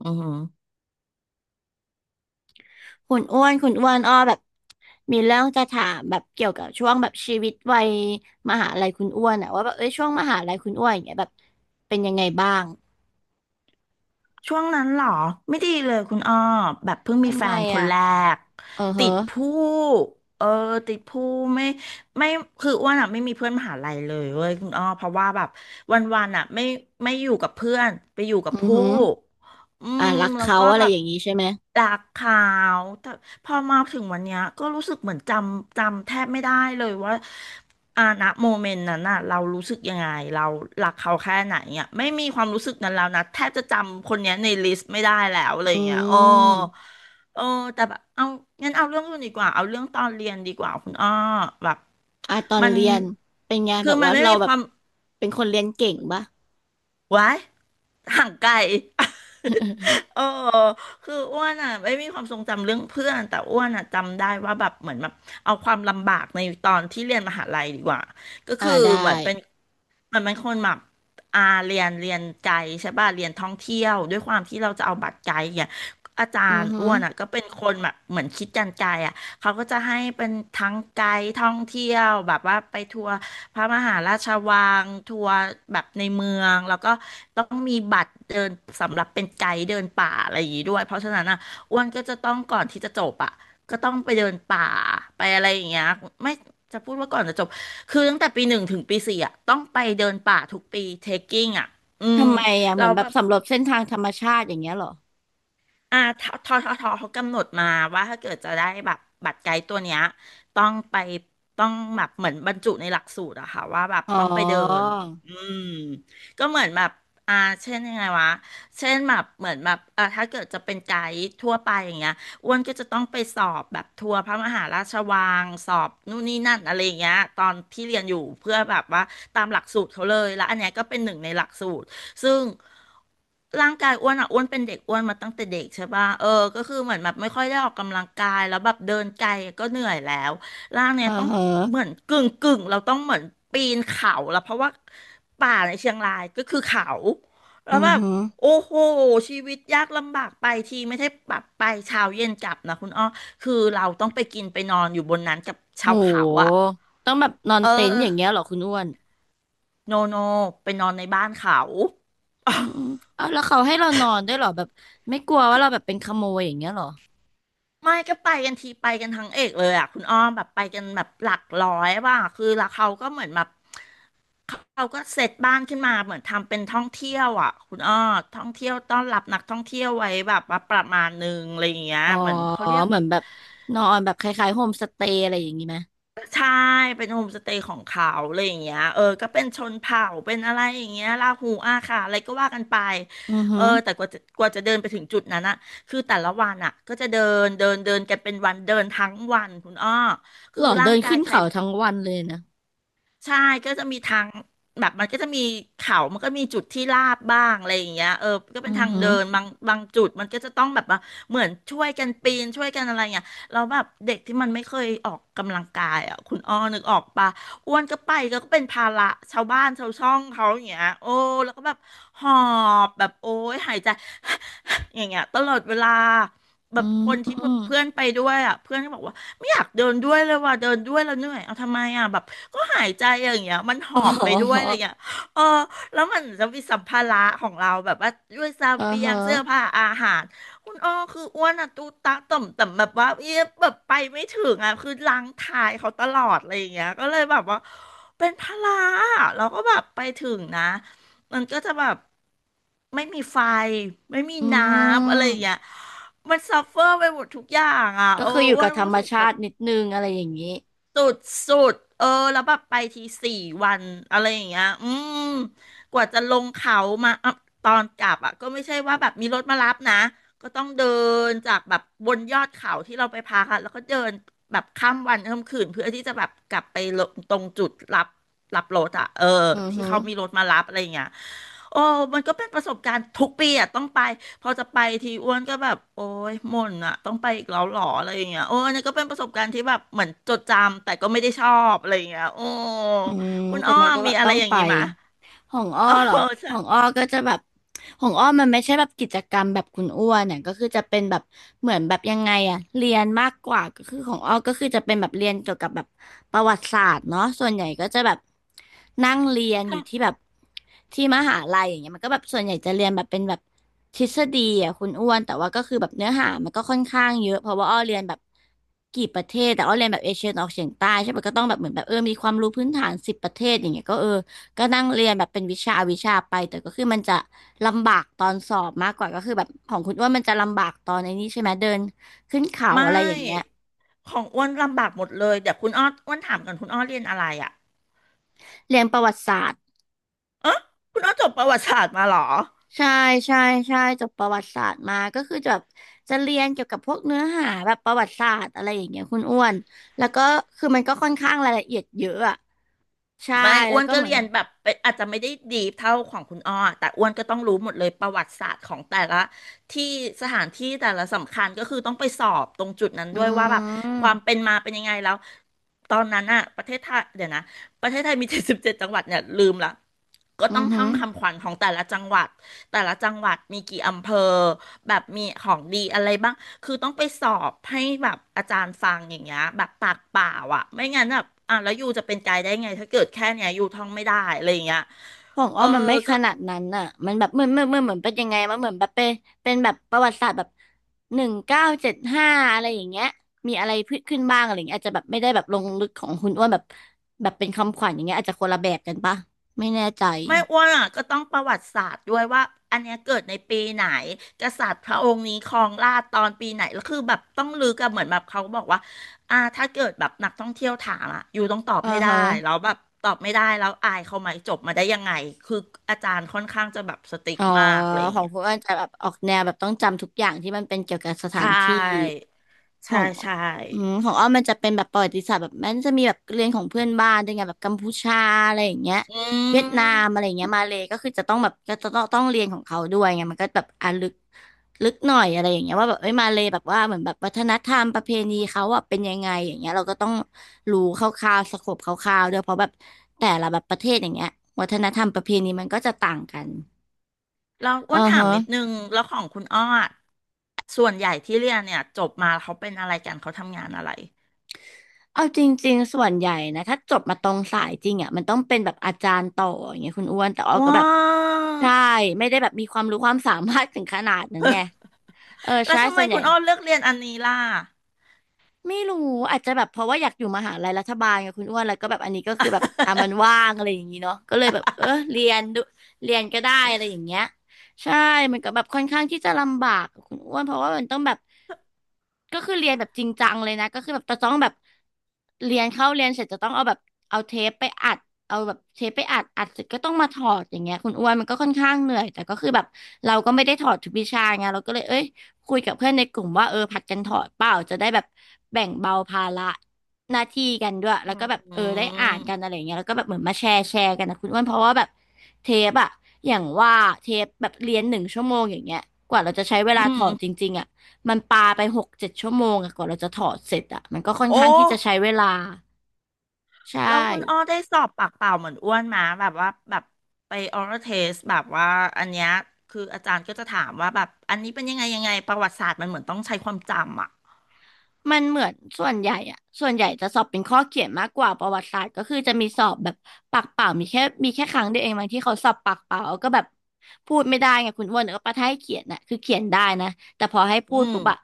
อือหือคุณอ้วนคุณอ้วนอ้อแบบมีเรื่องจะถามแบบเกี่ยวกับช่วงแบบชีวิตวัยมหาลัยคุณอ้วนอะว่าแบบเอ้ยช่วงมหาลัยคุณอ้วนอย่างเงี้ยแบบเป็นยังไงบ้างช่วงนั้นเหรอไม่ดีเลยคุณอ้อแบบเพิ่งมีทำแฟไมนคนอะแรกเออเหรติอดผู้เออติดผู้ไม่ไม่คืออ้วนอ่ะไม่มีเพื่อนมหาลัยเลยเว้ยคุณอ้อเพราะว่าแบบวันๆอ่ะไม่อยู่กับเพื่อนไปอยู่กับอือผู้ ฮึออื่ะมรักแล้วเขาก็อะไรแบบอย่างงี้ใช่ไหมดากขาวแต่พอมาถึงวันเนี้ยก็รู้สึกเหมือนจำแทบไม่ได้เลยว่าอาณโมเมนต์นั้นน่ะเรารู้สึกยังไงเรารักเขาแค่ไหนเนี่ยไม่มีความรู้สึกนั้นแล้วนะแทบจะจำคนเนี้ยในลิสต์ไม่ได้แล้วอะไรออืย่างเงี้ยโอ้มโอ้แต่แบบเอางั้นเอาเรื่องอื่นดีกว่าเอาเรื่องตอนเรียนดีกว่าคุณอ้อแบบอ่ะตอนมันเรียนเป็นไงแบคือบมันว่าไม่เรามีแบคบวามเป็นคนเรียนเก่งปะ ไว้ห่างไกล เออคืออ้วนอ่ะไม่มีความทรงจำเรื่องเพื่อนแต่อ้วนอ่ะจำได้ว่าแบบเหมือนแบบเอาความลำบากในตอนที่เรียนมหาลัยดีกว่าก็อ่าคือเหได้มือนเป็นเหมือนเป็นคนแบบอาเรียนไกด์ใช่ป่ะเรียนท่องเที่ยวด้วยความที่เราจะเอาบัตรไกด์เนี่ยอาจาอืรอย์ฮึอ้วนอ่ะก็เป็นคนแบบเหมือนคิดการไกด์อ่ะเขาก็จะให้เป็นทั้งไกด์ท่องเที่ยวแบบว่าไปทัวร์ พระมหาราชวังทัวร์แบบในเมืองแล้วก็ต้องมีบัตรเดินสำหรับเป็นไกด์เดินป่าอะไรอย่างงี้ด้วยเพราะฉะนั้นอ่ะอ้วนก็จะต้องก่อนที่จะจบอ่ะก็ต้องไปเดินป่าไปอะไรอย่างเงี้ยไม่จะพูดว่าก่อนจะจบคือตั้งแต่ปี 1ถึงปี 4อ่ะต้องไปเดินป่าทุกปีเทคกิ้งอ่ะอืมทำไมอะเหเรา มือนแบบสำรวจเส้นทางธรรมชาติอย่างเงี้ยเหรออ่าทเขากำหนดมาว่าถ้าเกิดจะได้แบบบัตรไกด์ตัวเนี้ยต้องไปต้องแบบเหมือนบรรจุในหลักสูตรอะค่ะว่าแบบอ๋อต้องไปเดินอืมก็เหมือนแบบอ่าเช่นยังไงวะเช่นแบบเหมือนแบบอ่าถ้าเกิดจะเป็นไกด์ทั่วไปอย่างเงี้ยอ้วนก็จะต้องไปสอบแบบทัวร์พระมหาราชวังสอบนู่นนี่นั่นอะไรอย่างเงี้ยตอนที่เรียนอยู่เพื่อแบบว่าตามหลักสูตรเขาเลยแล้วอันเนี้ยก็เป็นหนึ่งในหลักสูตร ซึ่งร่างกายอ้วนอ่ะอ้วนเป็นเด็กอ้วนมาตั้งแต่เด็กใช่ป่ะเออก็คือเหมือนแบบไม่ค่อยได้ออกกำลังกายแล้วแบบเดินไกลก็เหนื่อยแล้วร่างเนี่ยอ่าต้องเหรเหมืออนกึ่งเราต้องเหมือนปีนเขาแล้วเพราะว่าป่าในเชียงรายก็คือเขาแล้วอือแบบฮึ โอ้โหชีวิตยากลำบากไปทีไม่ใช่แบบไปเช้าเย็นกลับนะคุณอ้อคือเราต้องไปกินไปนอนอยู่บนนั้นกับโชาวเขาอ่ะหต้องแบบนอนเอเต็นท์ออย่างเงี้ยเหรอคุณอ้วนโนโนไปนอนในบ้านเขา อืมอืมเอาแล้วเขาให้เรานอนด้วยเหรอแบบไม่กลัว ว่าคือ เราแบบเป็นขโมยอย่างเงี้ยเหรอไม่ก็ไปกันทีไปกันทั้งเอกเลยอ่ะคุณอ้อมแบบไปกันแบบหลักร้อยว่าคือแล้วเขาก็เหมือนแบบเขาก็เซตบ้านขึ้นมาเหมือนทำเป็นท่องเที่ยวอ่ะคุณอ้อท่องเที่ยวต้อนรับนักท่องเที่ยวไว้แบบว่าประมาณหนึงอะไรอย่างเงี้ยอ๋อเหมือนเขาเรียก เหมือนแบบนอนแบบคล้ายๆโฮมสเตย์อะไรอย่างงี้ไหมใช่เป็นโฮมสเตย์ของเขาอะไรอย่างเงี้ยเออก็เป็นชนเผ่าเป็นอะไรอย่างเงี้ยลาหูอาขาอะไรก็ว่ากันไปอือเอหืออแต่กว่าจะเดินไปถึงจุดนั้นอะคือแต่ละวันอะก็จะเดินเดินเดินกันเป็นวันเดินทั้งวันคุณอ้อเหรคืออร่าเดิงนกายขึ้นใคร เขาทั้งวันเลยนะใช่ก็จะมีทางแบบมันก็จะมีเขามันก็มีจุดที่ลาดบ้างอะไรอย่างเงี้ยเออก็อืเป็นอทางหือเดินบางจุดมันก็จะต้องแบบว่าเหมือนช่วยกันปีนช่วยกันอะไรเงี้ยเราแล้วแบบเด็กที่มันไม่เคยออกกำลังกายอ่ะคุณอ้อนึกออกปะอ้วนก็ไปก็เป็นภาระชาวบ้านชาวช่องเขาอย่างเงี้ยโอ้แล้วก็แบบหอบแบบโอ้ยหายใจ อย่างเงี้ยตลอดเวลาแบอืบมคนอที่มเพื่อนไปด้วยอ่ะเพื่อนก็บอกว่า ไม่อยากเดินด้วยเลยว่ะเดินด้วยแล้วเหนื่อยเอาทำไมอ่ะแบบก็หายใจอย่างเงี้ยมันหอ๋อบไปด้วยออะไรเงี้ยเออแล้วมันจะมีสัมภาระของเราแบบว่าด้วยเสอ่าบียฮะงเสื้อผ้าอาหารคุณอ้อคืออ้วนอะตูตะต่อมแต่แบบว่าเอ๊ะแบบไปไม่ถึงอะคือล้างทายเขาตลอดอะไรอย่างเงี้ยก็เลยแบบว่าเป็นพลาอะเราก็แบบไปถึงนะมันก็จะแบบไม่มีไฟไม่มีอืน้ำอะไรอย่างเงี้ยมมันซัฟเฟอร์ไปหมดทุกอย่างอ่ะก็เออคืออยู่อ้วกันบธรรรู้มสึกชาแบบ ตินิดนึงอะไรอย่างงี้สุดเออ แล้วแบบไปทีสี่วันอะไรอย่างเงี้ยอืม กว่าจะลงเขามาอ่ะตอนกลับอ่ะก็ไม่ใช่ว่าแบบมีรถมารับนะ ก็ต้องเดินจากแบบบนยอดเขาที่เราไปพักอะแล้วก็เดินแบบข้ามวันข้ามคืนเพื่อที่จะแบบกลับไปลงตรงจุดรับรถอ่ะเอออือที่หือเขามีรถมารับอะไรอย่างเงี้ย โอ้มันก็เป็นประสบการณ์ทุกปีอ่ะต้องไปพอจะไปทีอ้วนก็แบบโอ้ยหม่นอ่ะต้องไปอีกแล้วหรออะไรอย่างเงี้ยโอ้อันนี่ก็เป็นประสบการณ์ที่แบบเหมือนจดจำแต่ก็ไม่ได้ชอบอะไรอย่างเงี้ยโอ้อืมคุณแต่อ้อมันมก็แบมีบอะต้ไรองอย่าไป งงี้มะของอ้อเออเหรอขใช่องอ้อก็จะแบบของอ้อมันไม่ใช่แบบกิจกรรมแบบคุณอ้วนเนี่ยก็คือจะเป็นแบบเหมือนแบบยังไงอะเรียนมากกว่าก็คือของอ้อก็คือจะเป็นแบบเรียนเกี่ยวกับแบบประวัติศาสตร์เนาะส่วนใหญ่ก็จะแบบนั่งเรียนอยู่ที่ทแบบที่มหาลัยอย่างเงี้ยมันก็แบบส่วนใหญ่จะเรียนแบบเป็นแบบทฤษฎีอะคุณอ้วนแต่ว่าก็คือแบบเนื้อหามันก็ค่อนข้างเยอะเพราะว่าอ้อเรียนแบบกี่ประเทศแต่อ้อเรียนแบบเอเชียตะวันออกเฉียงใต้ใช่ปะก็ต้องแบบเหมือนแบบเออมีความรู้พื้นฐาน10 ประเทศอย่างเงี้ยก็เออ ก็นั่งเรียนแบบเป็นวิชาวิชาไปแต่ก็คือมันจะลำบากตอนสอบมากกว่าก็คือแบบของคุณอ้วนมันจะลำบากตอนในนี้ใช่ไหมเดินขึ้นเขาำไม่อะไรอย่างเงี้ยของอ้วนลำบากหมดเลยเดี๋ยวคุณอ้ออ้วนถามกันคุณอ้อเรียนอะไรอ่ะเรียนประวัติศาสตร์เออคุณอ้อจบประวัติศาสตร์มาเหรอ ใช่ใช่ใช่จบประวัติศาสตร์มาก็คือจะแบบจะเรียนเกี่ยวกับพวกเนื้อหาแบบประวัติศาสตร์อะไรอย่างเงี้ยคุณอ้วนแล้วก็คือมันก็ค่อนข้างรายละเอียดเยอะอะใช่ไม่อ้แล้ววนก็ก็เหมืเรีอนยนแบบเป็นอาจจะไม่ได้ดีเท่าของคุณอ้อแต่อ้วนก็ต้องรู้หมดเลยประวัติศาสตร์ของแต่ละที่สถานที่แต่ละสำคัญก็คือต้องไปสอบตรงจุดนั้นอืด้วยว่าแบบความมเป็นมาเป็นยังไงแล้วตอนนั้นอะประเทศไทยเดี๋ยวนะประเทศไทยมี 77จังหวัดเนี่ยลืมละก็ต้อือองท่หืออ งคำขวัญของแต่ละจังหวัด แต่ละจังหวัดมีกี่อำเภอแบบมีของดีอะไรบ้าง คือต้องไปสอบให้แบบอาจารย์ฟังอย่างเงี้ยแบบปากเปล่าอ่ะไม่งั้นแบบอ่ะแล้วยูจะเป็นไกด์ได้ไงถ้าเกิดแค่เนี้ยยูท่องไม่ได้อะไรอย่างเงี้ยของอ้เอออมมันไม่ขก็ นาดนั้นน่ะมันแบบเหมือนเหมือนเหมือนเหมือนเป็นยังไงมันเหมือนแบบเป็นเป็นแบบประวัติศาสตร์แบบ1975อะไรอย่างเงี้ยมีอะไรพืชขึ้นบ้างอะไรอย่างเงี้ยอาจจะแบบไม่ได้แบบลงลึกของคุณอ้วนแบบแบบเป็นคำขวัญอย่างเงี้ยอาจจะคนละแบบกันปะไม่แน่ใจไม่อ้วนอ่ะก็ต้องประวัติศาสตร์ด้วยว่าอันเนี้ยเกิดในปีไหนกษัตริย์พระองค์นี้ครองราชย์ตอนปีไหนแล้วคือแบบต้องลึกอะเหมือนแบบเขาบอกว่าอ่าถ้าเกิดแบบนักท่องเที่ยวถามอะอยู่ต้องตอบอ่าให้ได้ฮะ แล้วแบบตอบไม่ได้แล้วอายเขาไหมจบมาได้ยังไงคืออาจารย์ค่อนข้างจะแบบสติ๊กอ๋อมากอะไรอย่าขงองเงี้ยคุณอ้นจะแบบออกแนวแบบต้องจำทุกอย่างที่มันเป็นเกี่ยวกับสใชถานที่่ขอใช่งใช่อืมของอ้อมมันจะเป็นแบบประวัติศาสตร์แบบมันจะมีแบบเรียนของเพื่อนบ้านด้วยไงแบบกัมพูชาอะไรอย่างเงี้ยอืเวียดนามมอะไรอย่างเงี้ยมาเลยก็คือจะต้องแบบก็จะต้องเรียนของเขาด้วยไงมันก็แบบอ่ะลึกลึกหน่อยอะไรอย่างเงี้ยว่าแบบเอ้ยมาเลยแบบว่าเหมือนแบบวัฒนธรรมประเพณีเขาอ่ะเป็นยังไงอย่างเงี้ยเราก็ต้องรู้คร่าวๆสโคปคร่าวๆด้วยเพราะแบบแต่ละแบบประเทศอย่างเงี้ยวัฒนธรรมประเพณีมันก็จะต่างกัน เราอ้อืวนอถามฮะนิดนึงแล้วของคุณอ้ออะส่วนใหญ่ที่เรียนเนี่ยจบมาเขาเป็นอะไรกันเขาทำงานอะไรเอาจริงๆส่วนใหญ่นะถ้าจบมาตรงสายจริงอ่ะมันต้องเป็นแบบอาจารย์ต่ออย่างเงี้ยคุณอ้วนแต่ออกก็ว้า แบบใช่ไม่ได้แบบมีความรู้ความสามารถถึงขนาดนั้นไงเออแล้วใช่ทำไมส่วนใหคุญ่ ณอ้อเลือกเรียนอันนี้ล่ะไม่รู้อาจจะแบบเพราะว่าอยากอยู่มหาลัยรัฐบาลกับคุณอ้วนแล้วก็แบบอันนี้ก็คือแบบอ่ะมันว่างอะไรอย่างนี้เนาะก็เลยแบบเออเรียนดูเรียนก็ได้อะไรอย่างเงี้ยใช่มันก็แบบค่อนข้างที่จะลำบากกับคุณอ้วนเพราะว่ามันต้องแบบก็คือเรียนแบบจริงจังเลยนะก็คือแบบจะต้องแบบเรียนเข้าเรียนเสร็จจะต้องเอาแบบเอาเทปไปอัดเอาแบบเทปไปอัดอัดเสร็จก็ต้องมาถอดอย่างเงี้ยคุณอ้วนมันก็ค่อนข้างเหนื่อยแต่ก็คือแบบเราก็ไม่ได้ถอดทุกวิชาไงเราก็เลยเอ้ย คุยกับเพื่อนในกลุ่มว่าเออผัดกันถอดเปล่าจะได้แบบแบ่งเบาภาระหน้าที่กันด้วยอืแล้วก็แบบเออได้มอ่านกันอะไรอย่างเงี้ยแล้วก็แบบเหมือนมาแชร์กันนะคุณอ้วนเพราะว่าแบบเทปอะอย่างว่าเทปแบบเรียน1 ชั่วโมงอย่างเงี้ยกว่าเราจะใช้เวอืลาถมอดจริงๆอะมันปาไป6-7 ชั่วโมงอะกว่าเราจะถอดเสร็จอะมันก็ค่อนโอ้ข้างที่จะใช้เวลาใช่ แล้วคุณอ้อได้สอบปากเปล่าเหมือนอ้วนมาแบบว่าแบบไปออ a เทสแบบว่าอันเนี้ยคืออาจารย์ก็จะถามว่าแบบอันนี้เป็นยังไงยังไงประวัติศาสตร์มันเหมือนต้องใช้ความจำอ่ะมันเหมือนส่วนใหญ่อะส่วนใหญ่จะสอบเป็นข้อเขียนมากกว่าประวัติศาสตร์ก็คือจะมีสอบแบบปากเปล่ามีแค่ครั้งเดียวเองบางที่เขาสอบปากเปล่าก็แบบพูดไม่ได้ไงคุณอ้วนเออปะถ้าให้เขียนน่ะคือเขียนได้นะแต่พอให้พูอืดม ปุ๊บอะ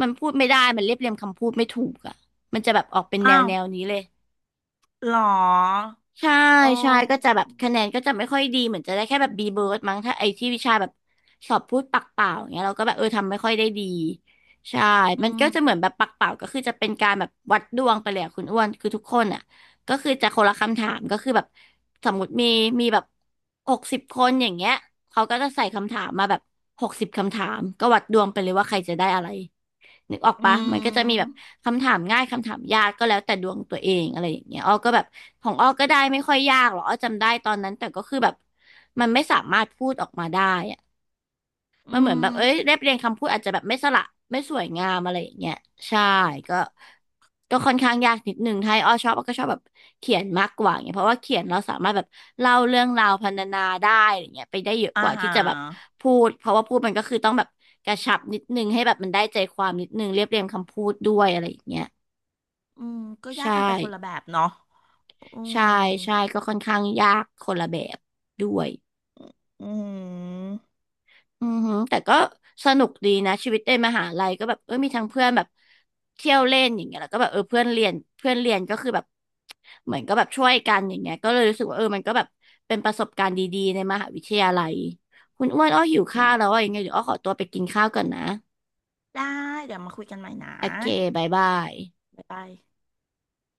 มันพูดไม่ได้มันเรียบเรียงคำพูดไม่ถูกอะมันจะแบบออกเป็นแนอ้าววแนวนี้เลย เหรอใช่โอใช่ก็้จะแบบคะแนนก็จะไม่ค่อยดีเหมือนจะได้แค่แบบ B เบิร์ดมั้งถ้าไอ้ที่วิชาแบบสอบพูดปากเปล่าอย่างเงี้ยเราก็แบบเออทำไม่ค่อยได้ดีใช่ อืมันก็มจะเหมือนแบบปากเปล่าก็คือจะเป็นการแบบวัดดวงไปเลยอะคุณอ้วนคือทุกคนอ่ะก็คือจะคนละคำถามก็คือแบบสมมติมีแบบ60 คนอย่างเงี้ยเขาก็จะใส่คำถามมาแบบ60 คำถามก็วัดดวงไปเลยว่าใครจะได้อะไร นึกออกอืปะมันก็จะมีแบมบคำถามง่ายคำถามยากก็แล้วแต่ดวงตัวเองอะไรอย่างเงี้ยอ้อก็แบบของอ้อก็ได้ไม่ค่อยยากหรอกอ้อจำได้ตอนนั้นแต่ก็คือแบบมันไม่สามารถพูดออกมาได้ อืมันเหมือนแบมบเอ้ยเรียบเรียงคำพูดอาจจะแบบไม่สละไม่สวยงามอะไรอย่างเงี้ยใช่ก็ก็ค่อนข้างยากนิดนึงถ้าให้อ้อชอบอ้อก็ชอบแบบเขียนมากกว่าเงี้ยเพราะว่าเขียนเราสามารถแบบเล่าเรื่องราวพรรณนาได้อะไรเงี้ยไปได้เยอะอ่ากว่าที่ฮะจะแบบพูดเพราะว่าพูดมันก็คือต้องแบบกระชับนิดนึงให้แบบมันได้ใจความนิดนึงเรียบเรียงคำพูดด้วยอะไรอย่างเงี้ยอืมก็ยาใช่กกันไปคนละแบบเนาะอืมใช่ใช่ก็ค่อนข้างยากคนละแบบด้วย อือือหือแต่ก็สนุกดีนะชีวิตในมหาลัยก็แบบเออมีทั้งเพื่อนแบบเที่ยวเล่นอย่างเงี้ยแล้วก็แบบเออเพื่อนเรียนก็คือแบบเหมือนก็แบบช่วยกันอย่างเงี้ยก็เลยรู้สึกว่าเออมันก็แบบเป็นประสบการณ์ดีๆในมหาวิทยาลัยคุณอ้วนอ้อหิวข้าวแล้ม วอ่ะยังไงเดี๋ยวอ้อขอตัวไปกินข้าวก่อนนะได้เดี๋ยวมาคุยกันใหม่นะโอเคบายบายบ๊ายบาย